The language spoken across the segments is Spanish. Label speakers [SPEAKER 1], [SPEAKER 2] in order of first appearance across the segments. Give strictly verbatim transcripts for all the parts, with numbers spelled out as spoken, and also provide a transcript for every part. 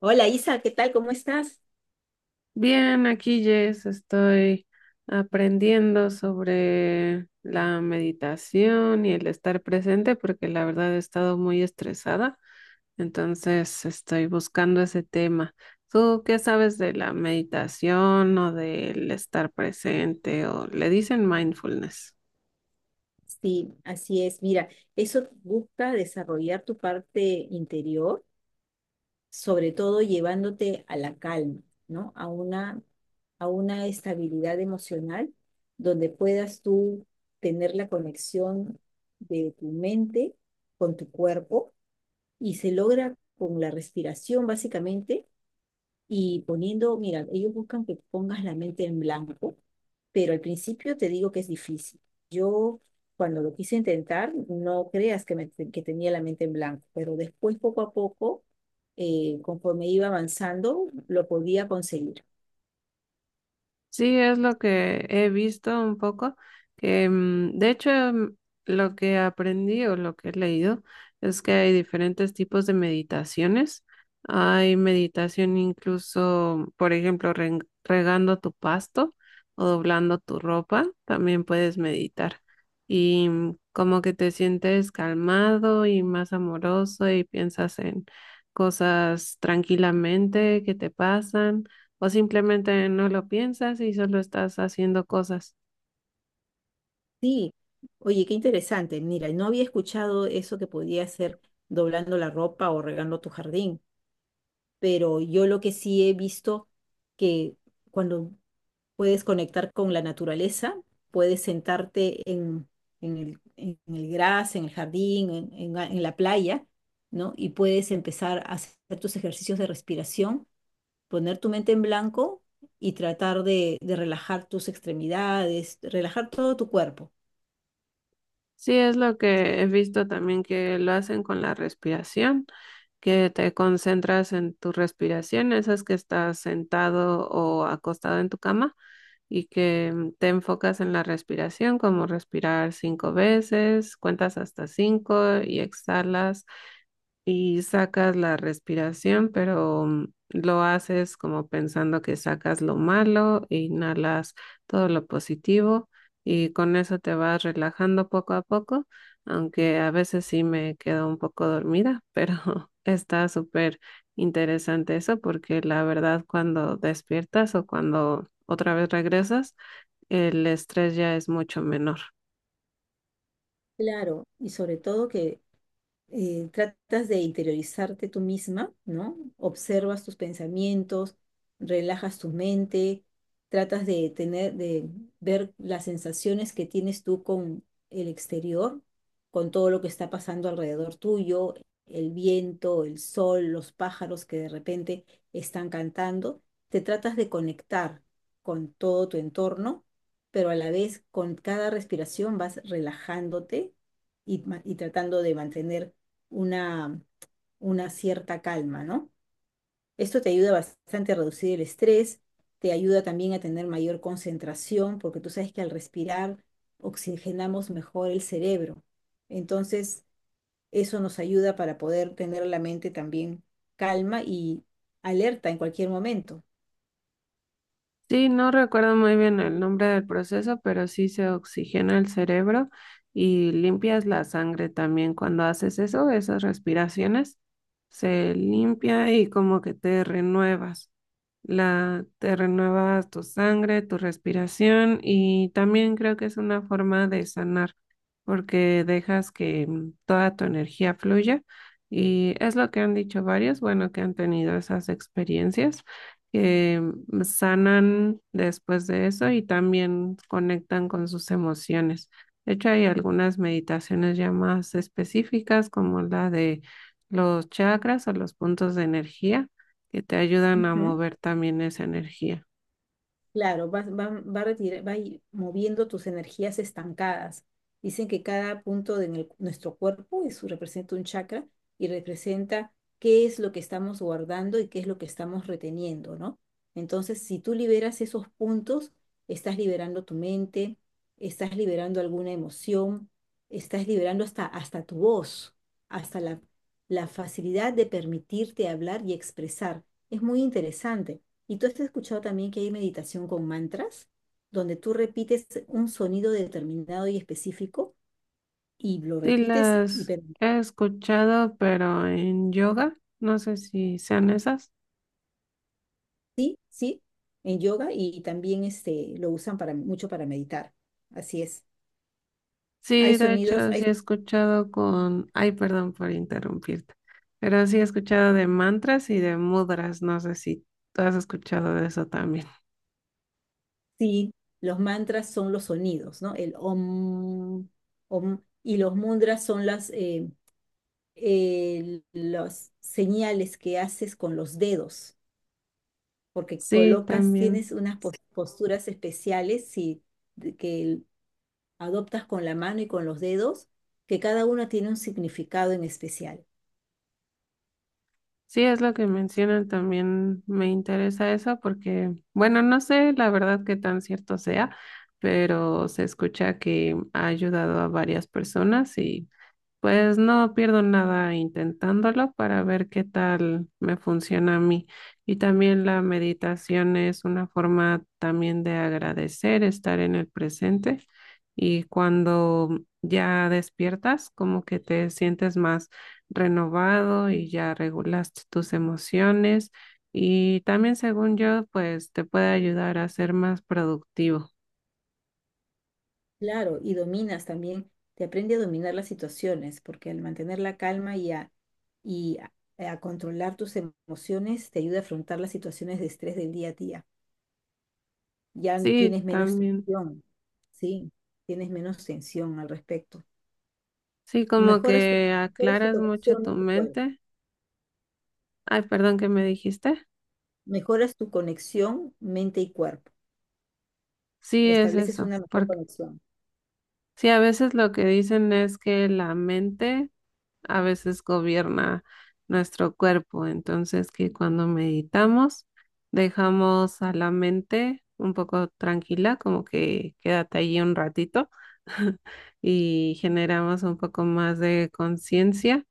[SPEAKER 1] Hola Isa, ¿qué tal? ¿Cómo estás?
[SPEAKER 2] Bien, aquí Jess, estoy aprendiendo sobre la meditación y el estar presente porque la verdad he estado muy estresada, entonces estoy buscando ese tema. ¿Tú qué sabes de la meditación o del estar presente o le dicen mindfulness?
[SPEAKER 1] Sí, así es. Mira, eso busca desarrollar tu parte interior, sobre todo llevándote a la calma, ¿no? A una, a una estabilidad emocional donde puedas tú tener la conexión de tu mente con tu cuerpo y se logra con la respiración, básicamente. Y poniendo, mira, ellos buscan que pongas la mente en blanco, pero al principio te digo que es difícil. Yo cuando lo quise intentar, no creas que, me- que tenía la mente en blanco, pero después poco a poco, eh, conforme iba avanzando, lo podía conseguir.
[SPEAKER 2] Sí, es lo que he visto un poco, que mm, de hecho, mm, lo que aprendí o lo que he leído es que hay diferentes tipos de meditaciones. Hay meditación incluso, por ejemplo, ren- regando tu pasto o doblando tu ropa, también puedes meditar. Y mm, como que te sientes calmado y más amoroso y piensas en cosas tranquilamente que te pasan o simplemente no lo piensas y solo estás haciendo cosas.
[SPEAKER 1] Sí, oye, qué interesante. Mira, no había escuchado eso que podía hacer doblando la ropa o regando tu jardín, pero yo lo que sí he visto que cuando puedes conectar con la naturaleza, puedes sentarte en, en el, en el gras, en el jardín, en, en la en la playa, ¿no? Y puedes empezar a hacer tus ejercicios de respiración, poner tu mente en blanco y tratar de, de relajar tus extremidades, relajar todo tu cuerpo.
[SPEAKER 2] Sí, es lo que he visto también que lo hacen con la respiración, que te concentras en tu respiración, esas que estás sentado o acostado en tu cama y que mm, te enfocas en la respiración, como respirar cinco veces, cuentas hasta cinco y exhalas y sacas la respiración, pero mm, lo haces como pensando que sacas lo malo, e inhalas todo lo positivo y con eso te vas relajando poco a poco, aunque a veces sí me quedo un poco dormida, pero está súper interesante eso porque la verdad cuando despiertas o cuando otra vez regresas, el estrés ya es mucho menor.
[SPEAKER 1] Claro, y sobre todo que eh, tratas de interiorizarte tú misma, ¿no? Observas tus pensamientos, relajas tu mente, tratas de tener, de ver las sensaciones que tienes tú con el exterior, con todo lo que está pasando alrededor tuyo, el viento, el sol, los pájaros que de repente están cantando. Te tratas de conectar con todo tu entorno, pero a la vez con cada respiración vas relajándote y ma- y tratando de mantener una, una cierta calma, ¿no? Esto te ayuda bastante a reducir el estrés, te ayuda también a tener mayor concentración, porque tú sabes que al respirar oxigenamos mejor el cerebro. Entonces, eso nos ayuda para poder tener la mente también calma y alerta en cualquier momento.
[SPEAKER 2] Sí, no recuerdo muy bien el nombre del proceso, pero sí se oxigena el cerebro y limpias la sangre también. Cuando haces eso, esas respiraciones, se limpia y como que te renuevas. La, te renuevas tu sangre, tu respiración y también creo que es una forma de sanar porque dejas que mm, toda tu energía fluya y es lo que han dicho varios, bueno, que han tenido esas experiencias que sanan después de eso y también conectan con sus emociones. De hecho, hay algunas meditaciones ya más específicas, como la de los chakras o los puntos de energía, que te ayudan a
[SPEAKER 1] Ujú.
[SPEAKER 2] mover también esa energía.
[SPEAKER 1] Claro, vas- va, va, retira- va y- moviendo tus energías estancadas. Dicen que cada punto de nel- nuestro cuerpo es- representa un chakra y representa qué es lo que estamos guardando y qué es lo que estamos reteniendo, ¿no? Entonces, si tú liberas esos puntos, estás liberando tu mente, estás liberando alguna emoción, estás liberando hasta, hasta tu voz, hasta la, la facilidad de permitirte hablar y expresar. Es muy interesante. Y tú has escuchado también que hay meditación con mantras, donde tú repites un sonido determinado y específico y lo
[SPEAKER 2] Sí,
[SPEAKER 1] repites y
[SPEAKER 2] las
[SPEAKER 1] per-
[SPEAKER 2] he escuchado, pero en yoga, no sé si sean esas.
[SPEAKER 1] sí, sí, en yoga y también este lo usan para mucho para meditar. Así es. Hay
[SPEAKER 2] Sí, de
[SPEAKER 1] sonidos,
[SPEAKER 2] hecho, sí
[SPEAKER 1] hay
[SPEAKER 2] he escuchado con, ay, perdón por interrumpirte, pero sí he escuchado de mantras y de mudras, no sé si tú has escuchado de eso también.
[SPEAKER 1] sí, los mantras son los sonidos, ¿no? El om, om, y los mudras son las eh, eh, las señales que haces con los dedos porque
[SPEAKER 2] Sí,
[SPEAKER 1] colocas,
[SPEAKER 2] también.
[SPEAKER 1] tienes unas pos- posturas especiales si, de- que adoptas con la mano y con los dedos, que cada una tiene un significado en especial.
[SPEAKER 2] Sí, es lo que mencionan, también me interesa eso porque, bueno, no sé la verdad qué tan cierto sea, pero se escucha que ha ayudado a varias personas. Pues no pierdo nada intentándolo para ver qué tal me funciona a mí. Y también la meditación es una forma también de agradecer, estar en el presente. Y cuando ya despiertas, como que te sientes más renovado y ya regulaste tus emociones. Y también, según yo, pues te puede ayudar a ser más productivo.
[SPEAKER 1] Claro, y dominas también, te aprende a dominar las situaciones, porque al mantener la calma y a, y a a controlar tus emociones, te ayuda a afrontar las situaciones de estrés del día a día. Ya
[SPEAKER 2] Sí,
[SPEAKER 1] tienes menos
[SPEAKER 2] también.
[SPEAKER 1] tensión, sí, tienes menos tensión al respecto.
[SPEAKER 2] Sí, como
[SPEAKER 1] Mejoras tu,
[SPEAKER 2] que
[SPEAKER 1] mejoras tu
[SPEAKER 2] aclaras mucho
[SPEAKER 1] conexión
[SPEAKER 2] tu
[SPEAKER 1] en tu cuerpo.
[SPEAKER 2] mente. Ay, perdón, ¿qué me dijiste?
[SPEAKER 1] Mejoras tu conexión mente y cuerpo.
[SPEAKER 2] Sí, es
[SPEAKER 1] Estableces
[SPEAKER 2] eso,
[SPEAKER 1] una mejor
[SPEAKER 2] porque
[SPEAKER 1] conexión.
[SPEAKER 2] sí, a veces lo que dicen es que la mente a veces gobierna nuestro cuerpo. Entonces, que cuando meditamos, dejamos a la mente un poco tranquila, como que quédate allí un ratito y generamos un poco más de conciencia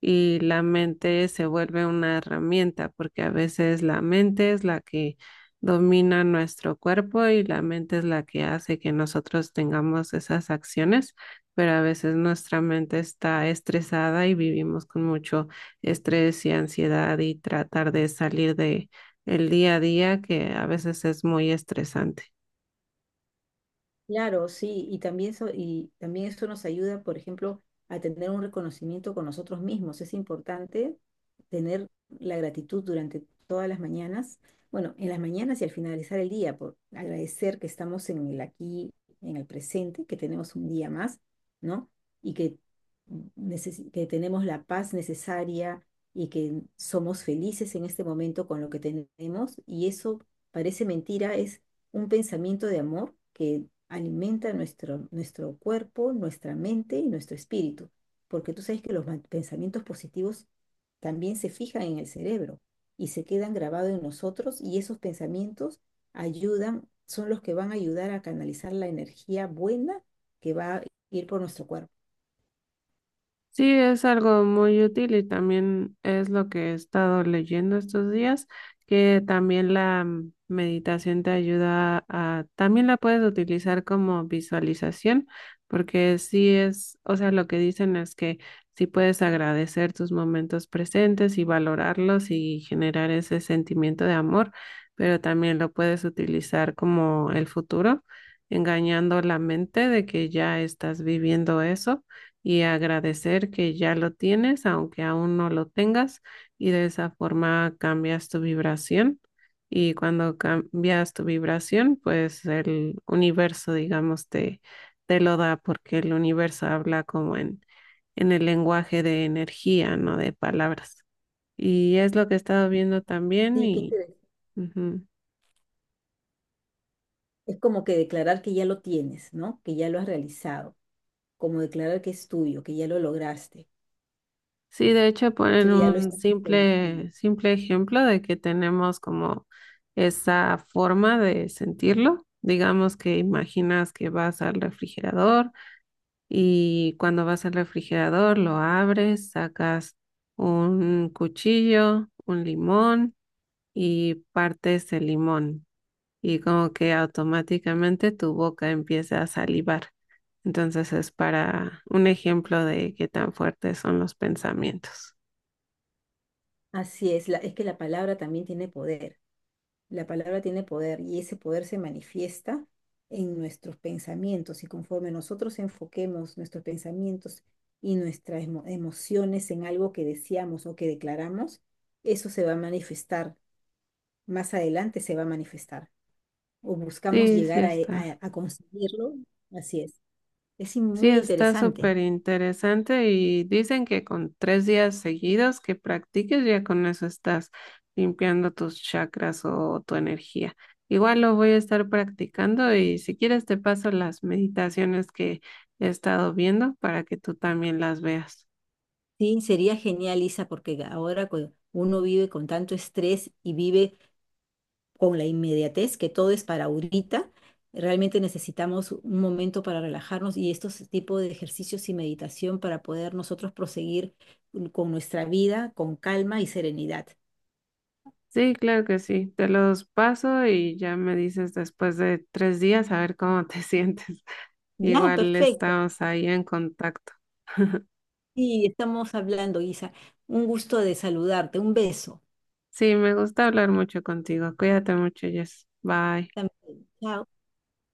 [SPEAKER 2] y la mente se vuelve una herramienta, porque a veces la mente es la que domina nuestro cuerpo y la mente es la que hace que nosotros tengamos esas acciones, pero a veces nuestra mente está estresada y vivimos con mucho estrés y ansiedad y tratar de salir de el día a día que a veces es muy estresante.
[SPEAKER 1] Claro, sí, y también eso, y también eso nos ayuda, por ejemplo, a tener un reconocimiento con nosotros mismos. Es importante tener la gratitud durante todas las mañanas, bueno, en las mañanas y al finalizar el día, por agradecer que estamos en el aquí, en el presente, que tenemos un día más, ¿no? Y que, neces- que tenemos la paz necesaria y que somos felices en este momento con lo que tenemos. Y eso parece mentira, un pensamiento de amor que alimenta nuestro, nuestro cuerpo, nuestra mente y nuestro espíritu, porque tú sabes que los man- pensamientos positivos también se fijan en el cerebro y se quedan grabados en nosotros y esos pensamientos ayudan, son los que van a ayudar a canalizar la energía buena que va a ir por nuestro cuerpo.
[SPEAKER 2] Sí, es algo muy útil y también es lo que he estado leyendo estos días, que también la mm, meditación te ayuda a, también la puedes utilizar como visualización, porque sí es, o sea, lo que dicen es que sí puedes agradecer tus momentos presentes y valorarlos y generar ese sentimiento de amor, pero también lo puedes utilizar como el futuro, engañando la mente de que ya estás viviendo eso y agradecer que ya lo tienes, aunque aún no lo tengas, y de esa forma cambias tu vibración. Y cuando cambias tu vibración, pues el universo, digamos, te, te lo da porque el universo habla como en, en el lenguaje de energía, no de palabras. Y es lo que he estado viendo también
[SPEAKER 1] Sí, qué
[SPEAKER 2] y...
[SPEAKER 1] interesante.
[SPEAKER 2] Ujú.
[SPEAKER 1] Es como que declarar que ya lo tienes, ¿no? Que ya lo has realizado, como declarar que es tuyo, que ya lo lograste,
[SPEAKER 2] Sí, de hecho
[SPEAKER 1] tú
[SPEAKER 2] ponen
[SPEAKER 1] ya lo
[SPEAKER 2] un
[SPEAKER 1] estás visualizando.
[SPEAKER 2] simple, simple ejemplo de que tenemos como esa forma de sentirlo. Digamos que imaginas que vas al refrigerador y cuando vas al refrigerador lo abres, sacas un cuchillo, un limón y partes el limón y como que automáticamente tu boca empieza a salivar. Entonces es para un ejemplo de qué tan fuertes son los pensamientos.
[SPEAKER 1] Así es, la- es que la palabra también tiene poder. La palabra tiene poder y ese poder se manifiesta en nuestros pensamientos y conforme nosotros enfoquemos nuestros pensamientos y nuestras emo- emociones en algo que deseamos o que declaramos, eso se va a manifestar. Más adelante se va a manifestar o buscamos
[SPEAKER 2] Sí, sí
[SPEAKER 1] llegar a, e-
[SPEAKER 2] está.
[SPEAKER 1] a- a conseguirlo. Así es. Es in-
[SPEAKER 2] Sí,
[SPEAKER 1] muy
[SPEAKER 2] está
[SPEAKER 1] interesante.
[SPEAKER 2] súper interesante y dicen que con tres días seguidos que practiques, ya con eso estás limpiando tus chakras o tu energía. Igual lo voy a estar practicando y si quieres te paso las meditaciones que he estado viendo para que tú también las veas.
[SPEAKER 1] Sí, sería genial, Isa, porque ahora cu- uno vive con tanto estrés y vive con la inmediatez, que todo es para ahorita. Realmente necesitamos un momento para relajarnos y estos tipos de ejercicios y meditación para poder nosotros proseguir con nuestra vida con calma y serenidad.
[SPEAKER 2] Sí, claro que sí. Te los paso y ya me dices después de tres días a ver cómo te sientes.
[SPEAKER 1] Ya,
[SPEAKER 2] Igual
[SPEAKER 1] perfecto.
[SPEAKER 2] estamos ahí en contacto.
[SPEAKER 1] Sí, estamos hablando, Isa. Un gusto de saludarte. Un beso.
[SPEAKER 2] Sí, me gusta hablar mucho contigo. Cuídate mucho, Jess. Bye.
[SPEAKER 1] También. Chao.